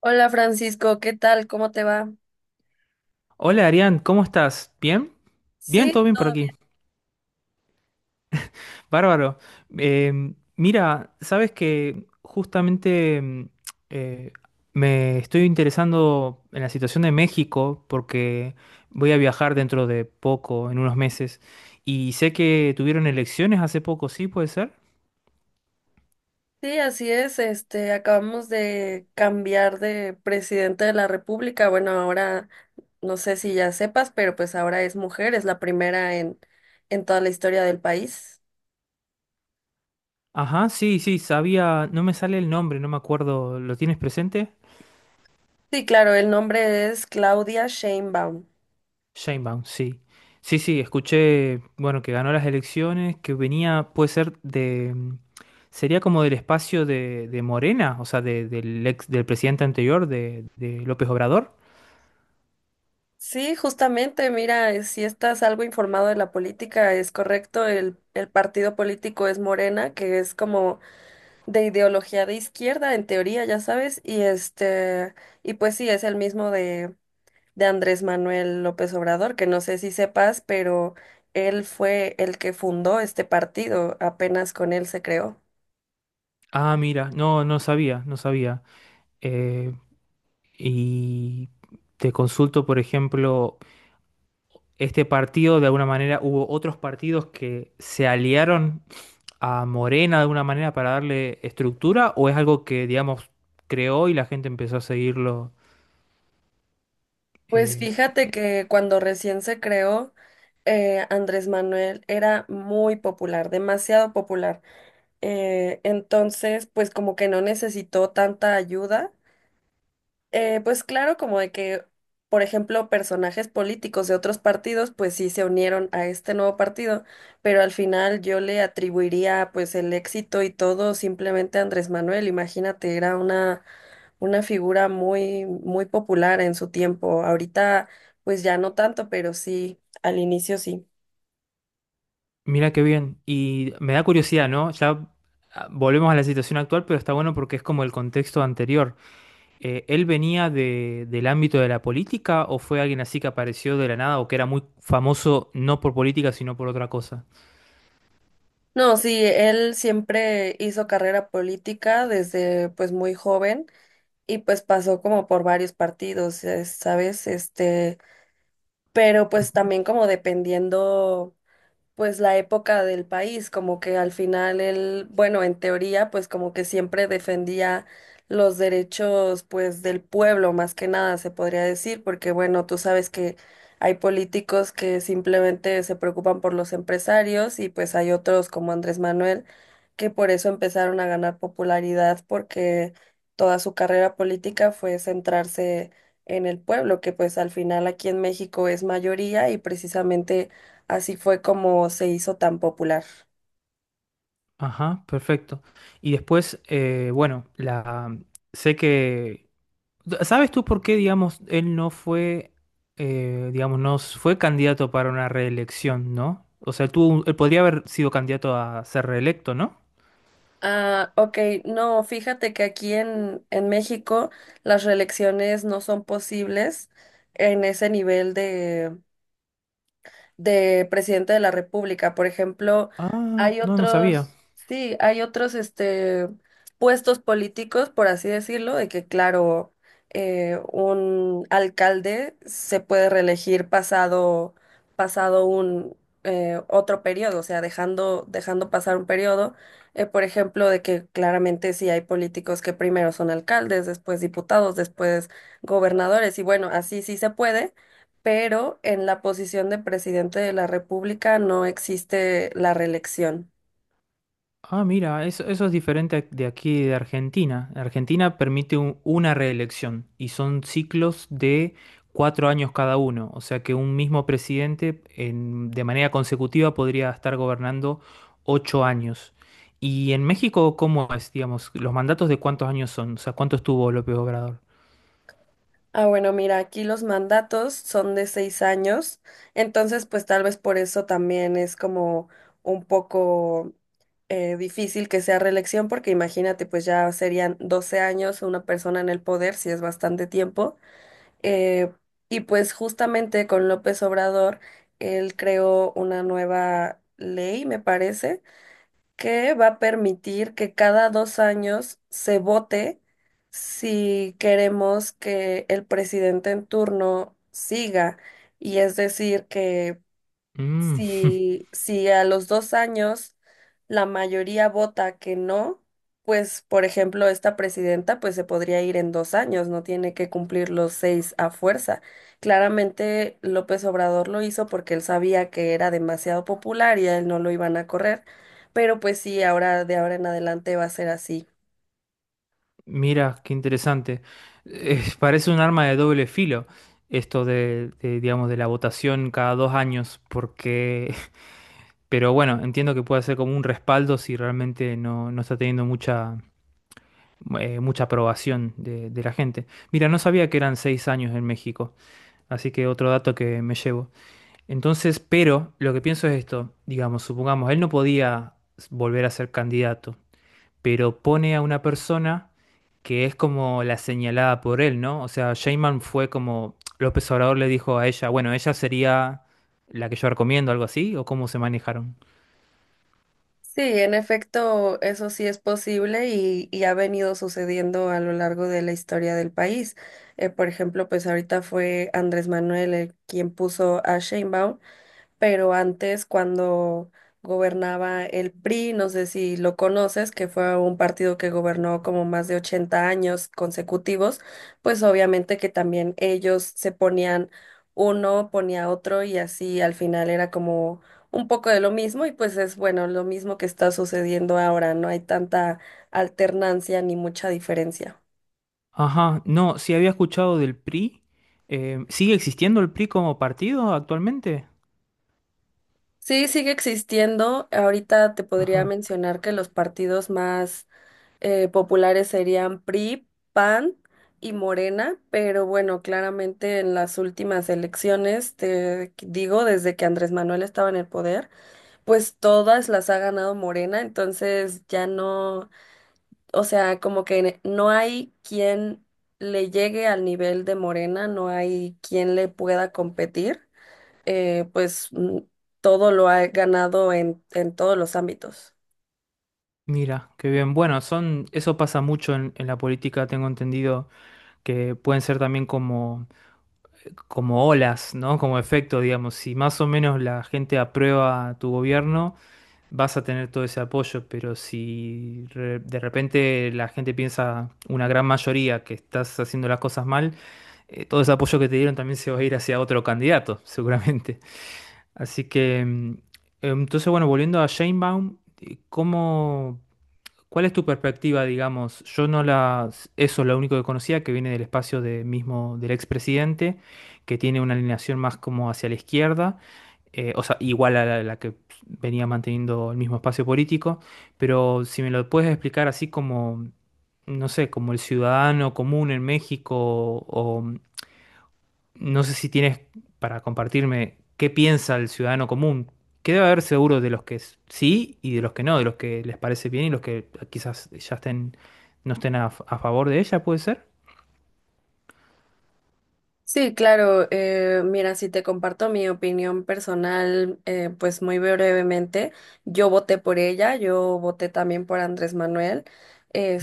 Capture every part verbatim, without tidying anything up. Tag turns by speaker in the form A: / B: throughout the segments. A: Hola Francisco, ¿qué tal? ¿Cómo te va?
B: Hola Arián, ¿cómo estás? ¿Bien? Bien,
A: Sí,
B: todo bien por
A: todo bien.
B: aquí. Bárbaro. Em, mira, sabes que justamente em, eh, me estoy interesando en la situación de México porque voy a viajar dentro de poco, en unos meses, y sé que tuvieron elecciones hace poco, ¿sí? ¿Puede ser?
A: Sí, así es. Este, acabamos de cambiar de presidente de la República. Bueno, ahora no sé si ya sepas, pero pues ahora es mujer, es la primera en en toda la historia del país.
B: Ajá, sí, sí, sabía, no me sale el nombre, no me acuerdo, ¿lo tienes presente?
A: Sí, claro, el nombre es Claudia Sheinbaum.
B: Sheinbaum, sí. Sí, sí, escuché, bueno, que ganó las elecciones, que venía, puede ser de, mm, sería como del espacio de, de Morena, o sea, de- del ex, del presidente anterior, de, de López Obrador.
A: Sí, justamente, mira, eh, si estás algo informado de la política, es correcto, el, el partido político es Morena, que es como de ideología de izquierda, en teoría, ya sabes, y este, y pues sí, es el mismo de, de Andrés Manuel López Obrador, que no sé si sepas, pero él fue el que fundó este partido, apenas con él se creó.
B: Ah, mira, no, no sabía, no sabía. Eh, y te consulto, por ejemplo, este partido, de alguna manera, hubo otros partidos que se aliaron a Morena de alguna manera para darle estructura, o es algo que, digamos, creó y la gente empezó a seguirlo.
A: Pues
B: Eh,
A: fíjate que cuando recién se creó, eh, Andrés Manuel era muy popular, demasiado popular. Eh, entonces, pues como que no necesitó tanta ayuda. Eh, pues claro, como de que, por ejemplo, personajes políticos de otros partidos, pues sí se unieron a este nuevo partido, pero al final yo le atribuiría pues el éxito y todo simplemente a Andrés Manuel. Imagínate, era una, una figura muy, muy popular en su tiempo. Ahorita pues ya no tanto, pero sí, al inicio sí.
B: mira qué bien. Y me da curiosidad, ¿no? Ya ah, volvemos a la situación actual, pero está bueno porque es como el contexto anterior. Eh, ¿él venía de- del ámbito de la política o fue alguien así que apareció de la nada o que era muy famoso no por política, sino por otra cosa?
A: No, sí, él siempre hizo carrera política desde pues muy joven y pues pasó como por varios partidos, eh, ¿sabes? Este... pero pues
B: Ujú.
A: también como dependiendo pues la época del país, como que al final él, bueno, en teoría, pues como que siempre defendía los derechos pues del pueblo, más que nada se podría decir, porque bueno, tú sabes que hay políticos que simplemente se preocupan por los empresarios y pues hay otros como Andrés Manuel que por eso empezaron a ganar popularidad porque toda su carrera política fue centrarse en el pueblo, que pues al final aquí en México es mayoría y precisamente así fue como se hizo tan popular.
B: Ajá, perfecto. Y después, eh, bueno, la, sé que ¿sabes tú por qué, digamos, él no fue, eh, digamos, no s- fue candidato para una reelección, ¿no? O sea, tú, él podría haber sido candidato a ser reelecto, ¿no?
A: Ah, ok, no, fíjate que aquí en, en México las reelecciones no son posibles en ese nivel de presidente de la República. Por ejemplo,
B: Ah,
A: hay
B: no, no sabía.
A: otros, sí, hay otros este, puestos políticos, por así decirlo, de que, claro, eh, un alcalde se puede reelegir pasado, pasado un eh, otro periodo, o sea, dejando, dejando pasar un periodo. Eh, por ejemplo, de que claramente sí hay políticos que primero son alcaldes, después diputados, después gobernadores, y bueno, así sí se puede, pero en la posición de presidente de la República no existe la reelección.
B: Ah, mira, eso, eso es diferente de aquí de Argentina. Argentina permite un- una reelección y son ciclos de cuatro años cada uno. O sea que un mismo presidente en- de manera consecutiva podría estar gobernando ocho años. ¿Y en México cómo es, digamos, los mandatos de cuántos años son? O sea, ¿cuánto estuvo López Obrador?
A: Ah, bueno, mira, aquí los mandatos son de seis años, entonces pues tal vez por eso también es como un poco eh, difícil que sea reelección, porque imagínate, pues ya serían doce años una persona en el poder, si es bastante tiempo. Eh, y pues justamente con López Obrador, él creó una nueva ley, me parece que va a permitir que cada dos años se vote si queremos que el presidente en turno siga. Y es decir, que
B: Mm,
A: si, si a los dos años la mayoría vota que no, pues, por ejemplo, esta presidenta, pues se podría ir en dos años, no tiene que cumplir los seis a fuerza. Claramente López Obrador lo hizo porque él sabía que era demasiado popular y a él no lo iban a correr, pero pues sí, ahora de ahora en adelante va a ser así.
B: mira, qué interesante. Eh, parece un arma de doble filo esto de, de, digamos, de la votación cada dos años, porque pero bueno, entiendo que puede ser como un respaldo si realmente no, no está teniendo mucha, eh, mucha aprobación de, de la gente. Mira, no sabía que eran seis años en México, así que otro dato que me llevo. Entonces, pero lo que pienso es esto, digamos, supongamos, él no podía volver a ser candidato, pero pone a una persona que es como la señalada por él, ¿no? O sea, Sheinbaum fue como López Obrador le dijo a ella, bueno, ella sería la que yo recomiendo, algo así, o cómo se manejaron.
A: Sí, en efecto, eso sí es posible y, y ha venido sucediendo a lo largo de la historia del país. Eh, por ejemplo, pues ahorita fue Andrés Manuel el quien puso a Sheinbaum, pero antes cuando gobernaba el P R I, no sé si lo conoces, que fue un partido que gobernó como más de ochenta años consecutivos, pues obviamente que también ellos se ponían uno, ponía otro y así al final era como un poco de lo mismo y pues es bueno, lo mismo que está sucediendo ahora, no hay tanta alternancia ni mucha diferencia.
B: Ajá, no, sí había escuchado del P R I. Eh, ¿sigue existiendo el P R I como partido actualmente?
A: Sí, sigue existiendo. Ahorita te podría
B: Ajá,
A: mencionar que los partidos más eh, populares serían P R I, PAN y Morena, pero bueno, claramente en las últimas elecciones, te digo, desde que Andrés Manuel estaba en el poder, pues todas las ha ganado Morena, entonces ya no, o sea, como que no hay quien le llegue al nivel de Morena, no hay quien le pueda competir, eh, pues mm, todo lo ha ganado en, en todos los ámbitos.
B: mira, qué bien. Bueno, son, eso pasa mucho en, en la política, tengo entendido que pueden ser también como, como olas, ¿no? Como efecto, digamos. Si más o menos la gente aprueba tu gobierno, vas a tener todo ese apoyo, pero si re- de repente la gente piensa, una gran mayoría, que estás haciendo las cosas mal, eh, todo ese apoyo que te dieron también se va a ir hacia otro candidato, seguramente. Así que, mm, entonces, bueno, volviendo a Sheinbaum, eh, ¿cómo... ¿cuál es tu perspectiva, digamos? Yo no la... Eso es lo único que conocía, que viene del espacio de mismo del expresidente, que tiene una alineación más como hacia la izquierda, eh, o sea, igual a la, la que venía manteniendo el mismo espacio político, pero si me lo puedes explicar así como, no sé, como el ciudadano común en México o, no sé si tienes para compartirme qué piensa el ciudadano común, que debe haber seguro de los que s- sí y de los que no, de los que les parece bien y los que quizás ya estén, no estén a, f- a favor de ella, ¿puede ser?
A: Sí, claro. Eh, mira, si te comparto mi opinión personal, eh, pues muy brevemente, yo voté por ella, yo voté también por Andrés Manuel,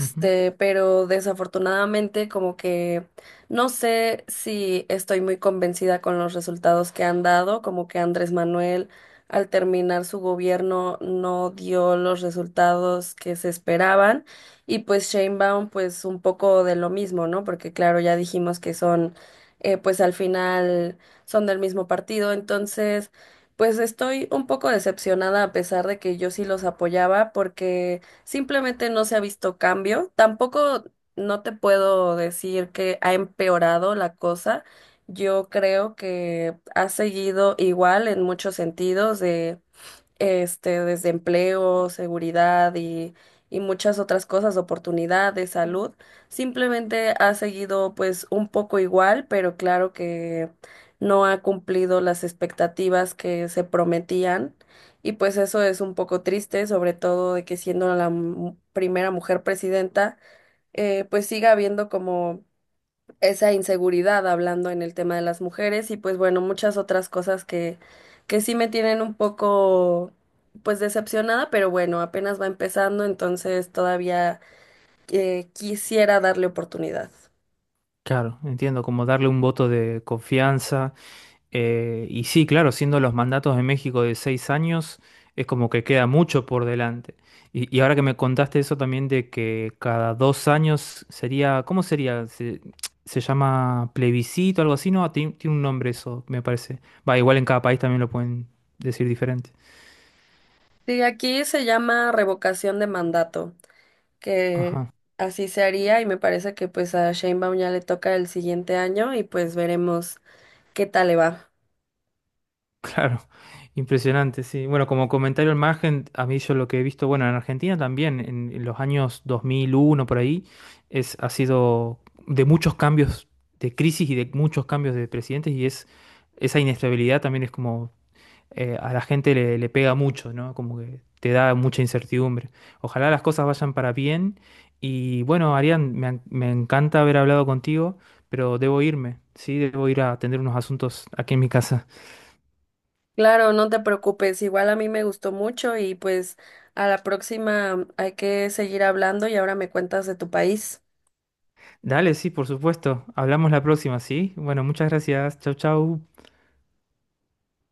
B: Ujú.
A: pero desafortunadamente como que no sé si estoy muy convencida con los resultados que han dado, como que Andrés Manuel al terminar su gobierno no dio los resultados que se esperaban y pues Sheinbaum pues un poco de lo mismo, ¿no? Porque claro, ya dijimos que son eh, pues al final son del mismo partido. Entonces, pues estoy un poco decepcionada a pesar de que yo sí los apoyaba porque simplemente no se ha visto cambio. Tampoco no te puedo decir que ha empeorado la cosa. Yo creo que ha seguido igual en muchos sentidos de este, desde empleo, seguridad y, y muchas otras cosas, oportunidades, salud. Simplemente ha seguido pues un poco igual, pero claro que no ha cumplido las expectativas que se prometían. Y pues eso es un poco triste, sobre todo de que siendo la mu- primera mujer presidenta, eh, pues siga habiendo como esa inseguridad hablando en el tema de las mujeres y pues bueno, muchas otras cosas que, que sí me tienen un poco pues decepcionada, pero bueno, apenas va empezando, entonces todavía eh, quisiera darle oportunidad.
B: Claro, entiendo, como darle un voto de confianza. Eh, y sí, claro, siendo los mandatos de México de seis años, es como que queda mucho por delante. Y, y ahora que me contaste eso también de que cada dos años sería, ¿cómo sería? Se, se llama plebiscito, algo así, ¿no? Tien- Tiene un nombre eso, me parece. Va, igual en cada país también lo pueden decir diferente.
A: Sí, aquí se llama revocación de mandato, que
B: Ajá.
A: así se haría y me parece que pues a Sheinbaum ya le toca el siguiente año y pues veremos qué tal le va.
B: Claro, impresionante, sí. Bueno, como comentario al margen, a mí yo lo que he visto, bueno, en Argentina también, en, en los años dos mil uno por ahí, es, ha sido de muchos cambios de crisis y de muchos cambios de presidentes y es esa inestabilidad también es como eh, a la gente le, le pega mucho, ¿no? Como que te da mucha incertidumbre. Ojalá las cosas vayan para bien y bueno, Arián, me, en- me encanta haber hablado contigo, pero debo irme, sí, debo ir a atender unos asuntos aquí en mi casa.
A: Claro, no te preocupes, igual a mí me gustó mucho y pues a la próxima hay que seguir hablando y ahora me cuentas de tu país.
B: Dale, sí, por supuesto. Hablamos la próxima, ¿sí? Bueno, muchas gracias. Chau, chau.